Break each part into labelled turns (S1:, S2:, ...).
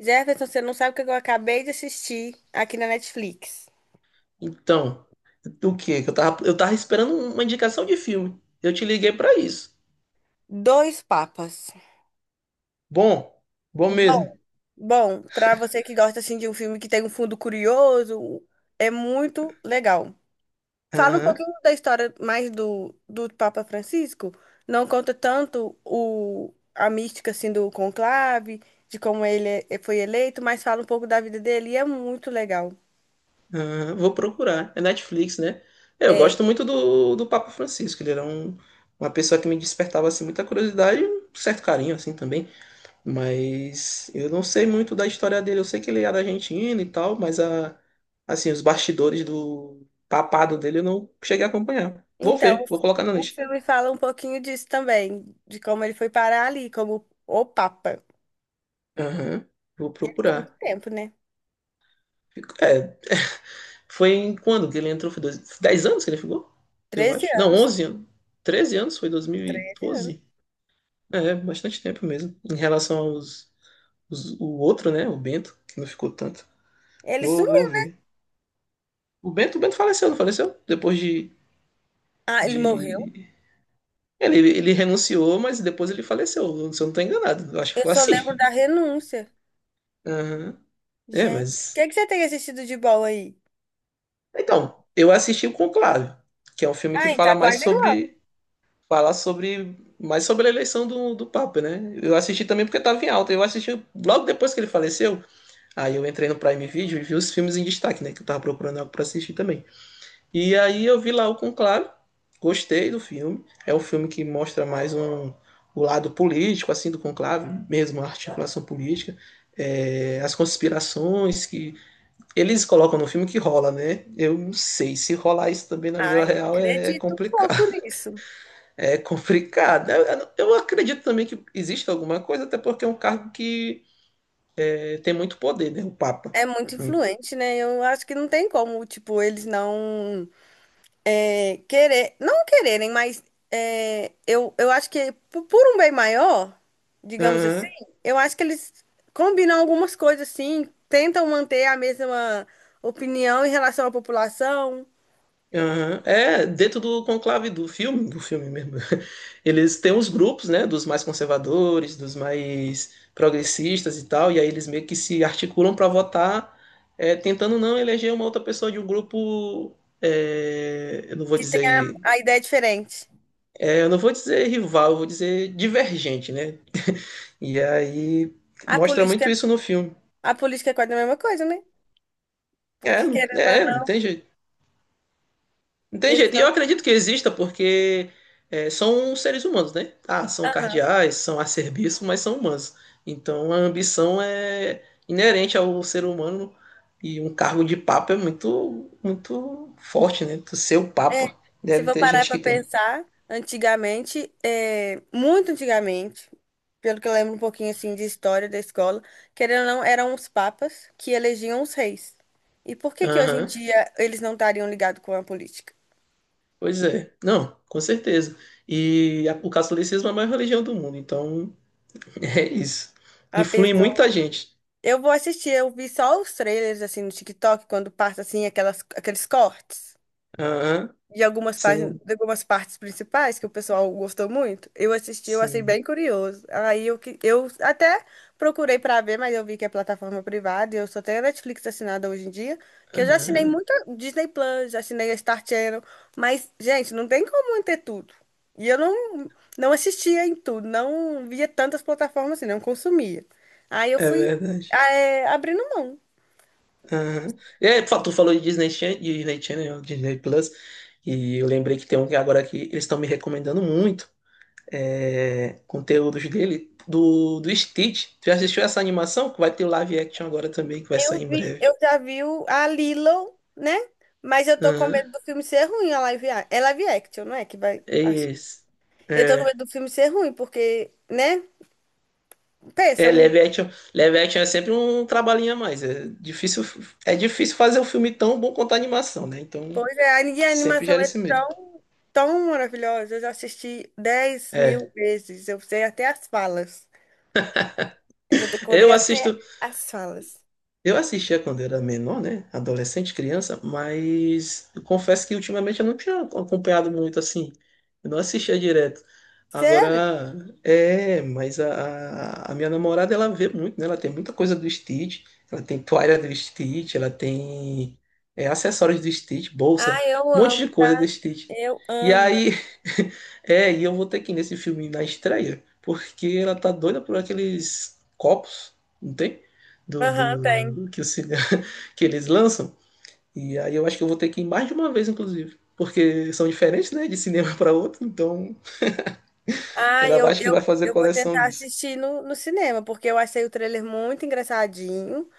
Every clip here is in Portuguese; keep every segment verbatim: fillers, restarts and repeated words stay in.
S1: Jefferson, você não sabe o que eu acabei de assistir aqui na Netflix.
S2: Então, do quê? Que? Eu tava, eu tava esperando uma indicação de filme. Eu te liguei pra isso.
S1: Dois Papas.
S2: Bom, bom mesmo.
S1: Bom, bom, pra você que gosta assim de um filme que tem um fundo curioso, é muito legal. Fala um
S2: Aham,
S1: pouquinho da história mais do, do Papa Francisco. Não conta tanto o, a mística assim do conclave, de como ele é- foi eleito, mas fala um pouco da vida dele e é muito legal.
S2: aham, vou procurar. É Netflix, né? É, eu
S1: É.
S2: gosto muito do, do Papa Francisco. Ele era um, uma pessoa que me despertava assim muita curiosidade e um certo carinho assim também. Mas eu não sei muito da história dele. Eu sei que ele era argentino e tal, mas a, assim, os bastidores do papado dele eu não cheguei a acompanhar. Vou
S1: Então,
S2: ver, vou colocar na
S1: o
S2: lista.
S1: filme fala um pouquinho disso também, de como ele foi parar ali, como o Papa.
S2: Aham, vou
S1: E ele ficou muito
S2: procurar.
S1: tempo, né?
S2: Fico- É, foi em quando que ele entrou? Foi dois, dez anos que ele ficou? Eu
S1: Treze
S2: acho. Não,
S1: anos.
S2: onze anos. Treze anos, foi
S1: Treze anos.
S2: dois mil e doze. É, bastante tempo mesmo. Em relação aos, os- o outro, né? O Bento, que não ficou tanto.
S1: Ele
S2: Vou, vou
S1: sumiu.
S2: ver. O Bento, o Bento faleceu, não faleceu? Depois de,
S1: Ah, ele morreu?
S2: de... Ele, ele renunciou, mas depois ele faleceu. Se eu não tô enganado. Eu acho que
S1: Eu
S2: foi
S1: só
S2: assim.
S1: lembro da renúncia.
S2: Aham. É,
S1: Gente, o que
S2: mas...
S1: que você tem assistido de bom aí?
S2: Então, eu assisti o Conclave, que é um filme que
S1: Ah,
S2: fala
S1: tá
S2: mais
S1: quase igual.
S2: sobre falar sobre mais sobre a eleição do, do Papa, né? Eu assisti também porque estava em alta. Eu assisti logo depois que ele faleceu. Aí eu entrei no Prime Video e vi os filmes em destaque, né? Que eu tava procurando algo para assistir também. E aí eu vi lá o Conclave, gostei do filme. É um filme que mostra mais um, O lado político, assim, do Conclave, mesmo a articulação política. É, as conspirações que eles colocam no filme que rola, né? Eu não sei se rolar isso também na
S1: Ah,
S2: vida
S1: eu
S2: real é
S1: acredito um
S2: complicado.
S1: pouco nisso.
S2: É complicado. Eu, eu- eu acredito também que existe alguma coisa, até porque é um cargo que é, tem muito poder, né? O Papa.
S1: É muito influente, né? Eu acho que não tem como, tipo, eles não. É, querer, não quererem, mas é, eu, eu acho que po- por um bem maior, digamos assim,
S2: Aham,
S1: eu acho que eles combinam algumas coisas assim, tentam manter a mesma opinião em relação à população,
S2: aham. É, dentro do conclave do filme, do filme mesmo, eles têm os grupos, né, dos mais conservadores, dos mais progressistas e tal, e aí eles meio que se articulam para votar, é, tentando não eleger uma outra pessoa de um grupo, é, eu não vou
S1: que tem a,
S2: dizer,
S1: a ideia diferente.
S2: é, eu não vou dizer rival, eu vou dizer divergente, né. E aí
S1: A
S2: mostra
S1: política,
S2: muito isso no filme.
S1: a política é quase a mesma coisa, né?
S2: É,
S1: Porque
S2: não-
S1: querendo ou
S2: é,
S1: não,
S2: não tem jeito. Não tem
S1: eles
S2: jeito. E eu
S1: não.
S2: acredito que exista porque é, são seres humanos, né? Ah, são
S1: Aham.
S2: cardeais, são acerbiços, mas são humanos. Então a ambição é inerente ao ser humano e um cargo de papa é muito, muito forte, né? Tu ser o
S1: É,
S2: papa.
S1: se
S2: Deve
S1: for
S2: ter
S1: parar
S2: gente
S1: para
S2: que tem.
S1: pensar, antigamente, é, muito antigamente, pelo que eu lembro um pouquinho assim de história da escola, querendo ou não, eram os papas que elegiam os reis. E por que que hoje em
S2: Aham,
S1: dia eles não estariam ligados com a política?
S2: pois é. Não, com certeza. E a- o catolicismo é a maior religião do mundo, então é isso.
S1: A
S2: Influi
S1: pessoa.
S2: muita gente.
S1: Eu vou assistir, eu vi só os trailers assim no TikTok, quando passa assim aquelas, aqueles cortes.
S2: Aham,
S1: De algumas, par-
S2: sim,
S1: de algumas partes principais que o pessoal gostou muito. Eu assisti, eu achei
S2: sim.
S1: bem curioso. Aí eu, que- eu até procurei pra ver, mas eu vi que é plataforma privada e eu só tenho a Netflix assinada hoje em dia, que eu já assinei
S2: Aham,
S1: muito Disney Plus, já assinei a Star Channel, mas, gente, não tem como manter tudo. E eu não, não assistia em tudo, não via tantas plataformas assim, não consumia. Aí eu
S2: é
S1: fui,
S2: verdade.
S1: eh, abrindo mão.
S2: Aham. E aí, tu falou de Disney Channel, Disney Channel, Disney Plus, e eu lembrei que tem um que agora que eles estão me recomendando muito, é, conteúdos dele, do, do Stitch. Tu já assistiu essa animação? Que vai ter o live action agora também, que vai
S1: Eu
S2: sair em
S1: vi,
S2: breve.
S1: eu já vi o- a Lilo, né? Mas eu tô com
S2: Aham,
S1: medo do filme ser ruim, a live, a- é live action, não é? Que vai.
S2: é
S1: Acho.
S2: isso.
S1: Eu tô com
S2: É.
S1: medo do filme ser ruim, porque, né? Pensa,
S2: É,
S1: um,
S2: live action, live action é sempre um trabalhinho a mais. É difícil, é difícil fazer um filme tão bom quanto a animação, né? Então,
S1: pois é, a minha
S2: sempre
S1: animação
S2: gera
S1: é
S2: esse medo.
S1: tão, tão maravilhosa. Eu já assisti dez
S2: é
S1: mil vezes. Eu sei até as falas. Eu já decorei
S2: Eu
S1: até
S2: assisto,
S1: as falas.
S2: eu assistia quando era menor, né? Adolescente, criança, mas eu confesso que ultimamente eu não tinha acompanhado muito assim. Eu não assistia direto.
S1: Sério?
S2: Agora, é, mas a, a a minha namorada, ela vê muito, né? Ela tem muita coisa do Stitch, ela tem toalha do Stitch, ela tem é, acessórios do Stitch, bolsa,
S1: Ah, eu
S2: um monte
S1: amo,
S2: de coisa
S1: tá?
S2: do Stitch.
S1: Eu
S2: E
S1: amo.
S2: aí, é, e eu vou ter que ir nesse filme na estreia, porque ela tá doida por aqueles copos, não tem? Do,
S1: Aham, tem.
S2: do que, o que eles lançam. E aí eu acho que eu vou ter que ir mais de uma vez, inclusive. Porque são diferentes, né? De cinema para outro. Então,
S1: Ah,
S2: ela vai-
S1: eu,
S2: acho que
S1: eu,
S2: vai fazer
S1: eu vou
S2: coleção
S1: tentar
S2: disso.
S1: assistir no, no cinema, porque eu achei o trailer muito engraçadinho.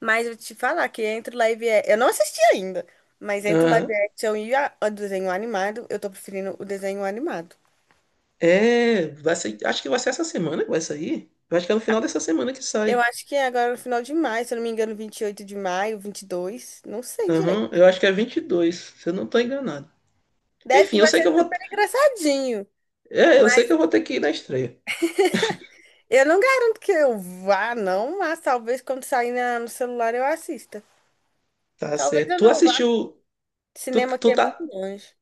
S1: Mas eu te falar que entre o live action. Eu não assisti ainda, mas entre o live
S2: Aham.
S1: action e a- o desenho animado, eu tô preferindo o desenho animado.
S2: É, vai ser, acho que vai ser essa semana que vai sair. Eu acho que é no final dessa semana que
S1: Eu
S2: sai.
S1: acho que é agora no final de maio, se eu não me engano, vinte e oito de maio, vinte e dois, não sei direito.
S2: Aham, eu acho que é vinte e dois, se eu não tô enganado.
S1: Deve que
S2: Enfim, eu
S1: vai
S2: sei
S1: ser
S2: que eu vou,
S1: super engraçadinho.
S2: é, eu sei
S1: Mas
S2: que eu vou ter que ir na estreia.
S1: eu não garanto que eu vá, não, mas talvez quando sair na- no celular eu assista.
S2: Tá
S1: Talvez
S2: certo.
S1: eu
S2: Tu
S1: não vá.
S2: assistiu, tu,
S1: Cinema aqui
S2: tu,
S1: é muito
S2: tá-
S1: longe.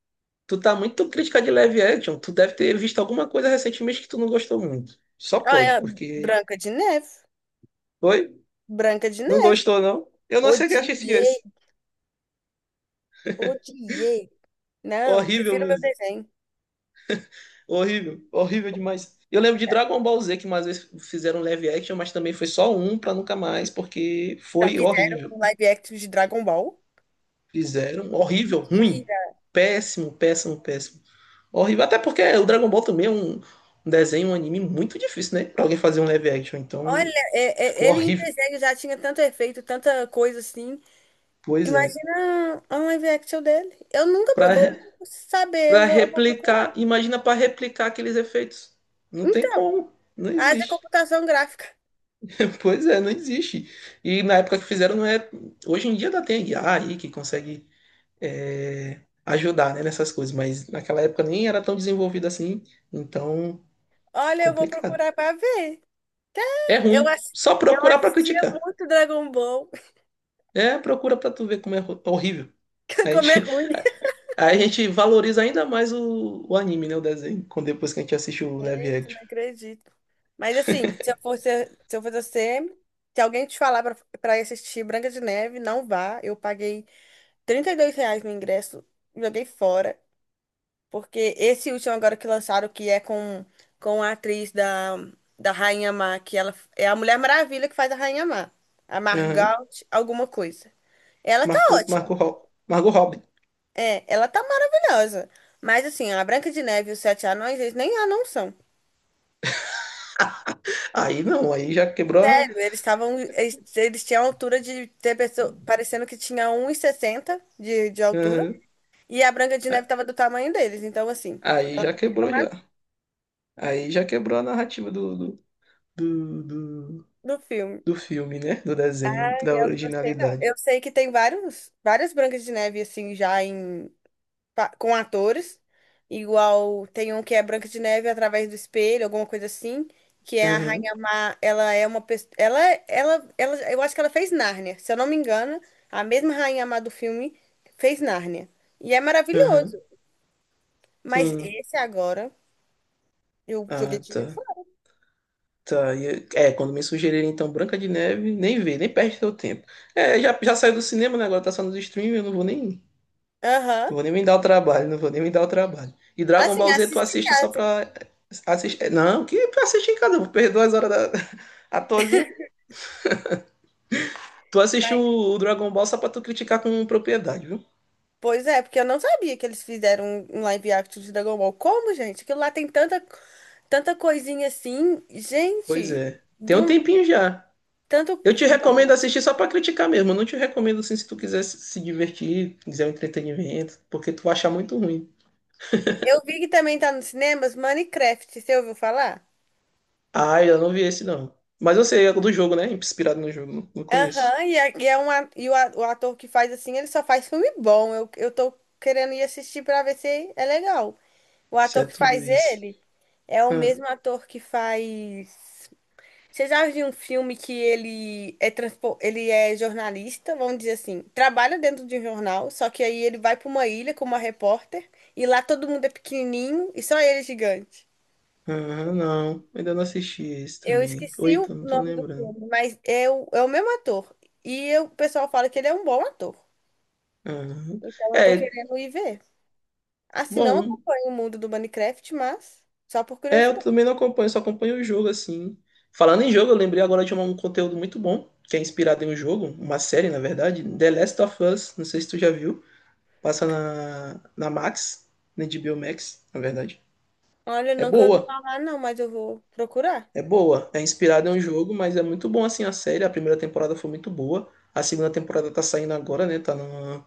S2: Tu tá muito crítica de live action. Tu deve ter visto alguma coisa recentemente que tu não gostou muito. Só
S1: Ah, é
S2: pode,
S1: a
S2: porque.
S1: Branca de Neve.
S2: Oi?
S1: Branca de
S2: Não
S1: Neve.
S2: gostou, não? Eu não sei o que achei esse.
S1: Odiei,
S2: esse.
S1: odiei. Não,
S2: Horrível
S1: prefiro meu
S2: mesmo.
S1: desenho.
S2: Horrível. Horrível demais. Eu lembro de Dragon Ball Z, que mais vezes fizeram live action, mas também foi só um pra nunca mais, porque
S1: Já
S2: foi
S1: fizeram
S2: horrível.
S1: um live action de Dragon Ball.
S2: Fizeram. um Horrível, ruim.
S1: Mentira.
S2: Péssimo, péssimo, péssimo. Horrível. Até porque o Dragon Ball também é um, um desenho, um anime muito difícil, né? Pra alguém fazer um live action. Então,
S1: Olha, é- é-
S2: ficou
S1: ele em
S2: horrível.
S1: desenho já tinha tanto efeito, tanta coisa assim.
S2: Pois é.
S1: Imagina um live action dele. Eu nunca
S2: para
S1: procurei saber, eu
S2: Para
S1: vou, eu vou procurar.
S2: replicar, imagina para replicar aqueles efeitos. Não tem
S1: Então,
S2: como, não
S1: haja
S2: existe.
S1: computação gráfica.
S2: Pois é, não existe. E na época que fizeram não é, hoje em dia ainda tem I A aí que consegue é, ajudar, né, nessas coisas, mas naquela época nem era tão desenvolvido assim, então
S1: Olha, eu vou
S2: complicado.
S1: procurar pra ver.
S2: É
S1: Eu,
S2: ruim.
S1: ass-
S2: Só
S1: eu
S2: procurar para
S1: assistia
S2: criticar.
S1: muito Dragon Ball.
S2: É, procura para tu ver como é horrível. A
S1: Como
S2: gente,
S1: é ruim.
S2: a gente valoriza ainda mais o, o anime, né? O desenho, quando depois que a gente assiste o live
S1: Eu
S2: action.
S1: não acredito. Mas assim, se eu fosse, se eu fosse você, se alguém te falar pra pra ir assistir Branca de Neve, não vá. Eu paguei trinta e dois reais no ingresso, joguei fora. Porque esse último agora que lançaram, que é com, com a atriz da, da Rainha Má, que ela é a Mulher Maravilha que faz a Rainha Má. A
S2: Aham.
S1: Margot, alguma coisa. Ela tá
S2: Marcou,
S1: ótima.
S2: marcou, Ro- Margot Robbie.
S1: É, ela tá maravilhosa. Mas assim, a Branca de Neve e os Sete Anões, eles nem anão são.
S2: Aí não, aí já quebrou a.
S1: Eles estavam, eles, eles tinham a altura de ter pessoa, parecendo que tinha um e sessenta de, de altura,
S2: Aham.
S1: e a Branca de Neve estava do tamanho deles, então assim,
S2: Aí
S1: ela
S2: já
S1: também era
S2: quebrou
S1: uma
S2: já. Aí já quebrou a narrativa do, do, do, do,
S1: do filme.
S2: do filme, né? Do desenho, da
S1: Eu não gostei, não.
S2: originalidade.
S1: Eu sei que tem vários, várias Brancas de Neve assim já em pa- com atores, igual tem um que é Branca de Neve através do espelho, alguma coisa assim, que é a
S2: Aham,
S1: Rainha Má, ela é uma pessoa, ela, ela, ela, eu acho que ela fez Nárnia, se eu não me engano, a mesma Rainha Má do filme fez Nárnia, e é
S2: aham,
S1: maravilhoso, mas
S2: sim.
S1: esse agora, eu joguei
S2: Ah,
S1: dinheiro
S2: tá.
S1: fora.
S2: Tá. E É, é, quando me sugerirem então Branca de Neve, nem vê, nem perde seu tempo. É, já, já saiu do cinema, né? Agora tá só nos streaming, eu não vou nem.
S1: Aham,
S2: Não vou nem me dar o trabalho, não vou nem me dar o trabalho. E Dragon
S1: assim,
S2: Ball Z tu
S1: assista em
S2: assiste só
S1: casa,
S2: pra. Assistir... é, não, que pra assistir em casa, eu vou perder duas horas da à toazinha. Tu assiste
S1: mas...
S2: o o Dragon Ball só pra tu criticar com propriedade, viu?
S1: Pois é, porque eu não sabia que eles fizeram um um live action de Dragon Ball. Como, gente? Aquilo lá tem tanta, tanta coisinha assim.
S2: Pois
S1: Gente,
S2: é. Tem um
S1: do
S2: tempinho já.
S1: Tanto.
S2: Eu te recomendo
S1: Não.
S2: assistir só pra criticar mesmo. Eu não te recomendo assim se tu quiser se se divertir, quiser um entretenimento, porque tu vai achar muito ruim.
S1: Eu vi que também tá nos cinemas Minecraft, você ouviu falar?
S2: Ah, eu não vi esse não. Mas eu sei, é do jogo, né? Inspirado no jogo, não não conheço.
S1: Aham, e, é, e, é um, a- e o, a- o ator que faz assim, ele só faz filme bom. Eu, eu tô querendo ir assistir pra ver se é legal. O
S2: Isso é
S1: ator que
S2: tudo
S1: faz
S2: isso.
S1: ele é o
S2: Ah.
S1: mesmo ator que faz. Você já viu um filme que ele é, transpo... ele é jornalista, vamos dizer assim, trabalha dentro de um jornal, só que aí ele vai pra uma ilha com uma repórter, e lá todo mundo é pequenininho e só ele é gigante.
S2: Aham, não, ainda não assisti esse
S1: Eu
S2: também. Ou
S1: esqueci o
S2: então, não tô
S1: nome do
S2: lembrando.
S1: filme, mas é o, é o mesmo ator. E eu- o pessoal fala que ele é um bom ator.
S2: Aham.
S1: Então eu tô
S2: É,
S1: querendo ir ver. Assim, não
S2: bom.
S1: acompanho o mundo do Minecraft, mas só por
S2: É, eu
S1: curiosidade.
S2: também não acompanho, só acompanho o jogo, assim. Falando em jogo, eu lembrei agora de um um conteúdo muito bom, que é inspirado em um jogo, uma série, na verdade, The Last of Us, não sei se tu já viu. Passa na, na Max, na H B O Max, na verdade.
S1: Olha,
S2: É
S1: nunca ouvi
S2: boa,
S1: falar, não, mas eu vou procurar.
S2: é boa. É inspirado em um jogo, mas é muito bom, assim, a série. A primeira temporada foi muito boa. A segunda temporada tá saindo agora, né? Tá na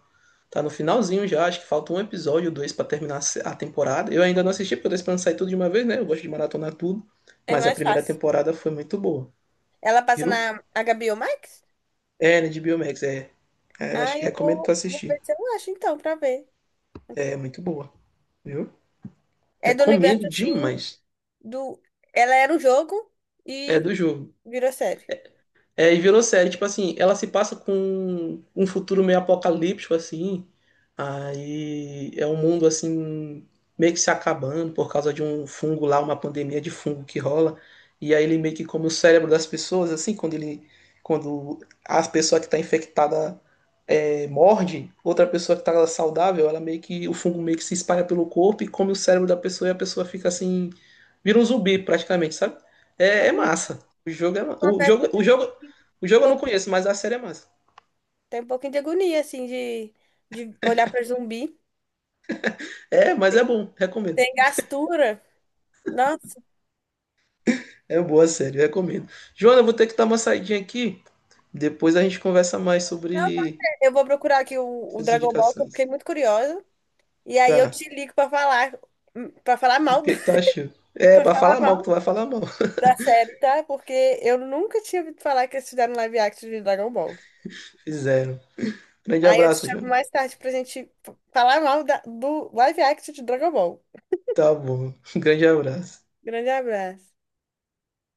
S2: Tá no finalzinho já, acho que falta um episódio, ou dois pra terminar a temporada. Eu ainda não assisti, porque eu tô esperando sair tudo de uma vez, né? Eu gosto de maratonar tudo.
S1: É
S2: Mas a
S1: mais
S2: primeira
S1: fácil.
S2: temporada foi muito boa,
S1: Ela passa
S2: viu?
S1: na H B O Max?
S2: É, né, de Biomax, é. É, eu
S1: Ah,
S2: acho que
S1: eu
S2: recomendo tu
S1: vou, vou
S2: assistir.
S1: ver se eu acho então, pra ver.
S2: É muito boa, viu?
S1: É do universo
S2: Recomendo
S1: assim,
S2: demais.
S1: do. Ela era um jogo
S2: É
S1: e
S2: do jogo.
S1: virou série.
S2: É, e virou série, tipo assim, ela se passa com um futuro meio apocalíptico, assim. Aí é um mundo assim, meio que se acabando por causa de um fungo lá, uma pandemia de fungo que rola. E aí ele meio que come o cérebro das pessoas, assim, quando ele. Quando a pessoa que está infectada morde outra pessoa que tá saudável, ela meio que o fungo meio que se espalha pelo corpo e come o cérebro da pessoa e a pessoa fica assim, vira um zumbi praticamente, sabe? É, é
S1: Hum,
S2: massa. O jogo é ma- o
S1: confesso que
S2: jogo,
S1: eu
S2: o
S1: tenho um
S2: jogo,
S1: pouquinho.
S2: o jogo eu não conheço, mas a série é massa.
S1: Tem um pouquinho de agonia, assim, de, de olhar pra zumbi.
S2: É, mas é bom, recomendo.
S1: Tem gastura. Nossa.
S2: É boa a série, recomendo. Joana, eu vou ter que dar uma saidinha aqui, depois a gente conversa mais
S1: Não, pode
S2: sobre
S1: ser. Eu vou procurar aqui o, o
S2: essas
S1: Dragon Ball, que eu fiquei
S2: indicações.
S1: muito curiosa. E aí eu
S2: Tá.
S1: te ligo pra falar. hum, Pra falar
S2: E o
S1: mal do,
S2: que que tu achou? É,
S1: pra
S2: pra
S1: falar
S2: falar mal,
S1: mal
S2: que tu vai falar mal.
S1: da série, tá? Porque eu nunca tinha ouvido falar que eles fizeram live action de Dragon Ball.
S2: Fizeram. Grande
S1: Aí eu te
S2: abraço,
S1: chamo
S2: Joana.
S1: mais tarde pra gente f- falar mal da- do live action de Dragon Ball.
S2: Tá bom. Grande abraço.
S1: Grande abraço.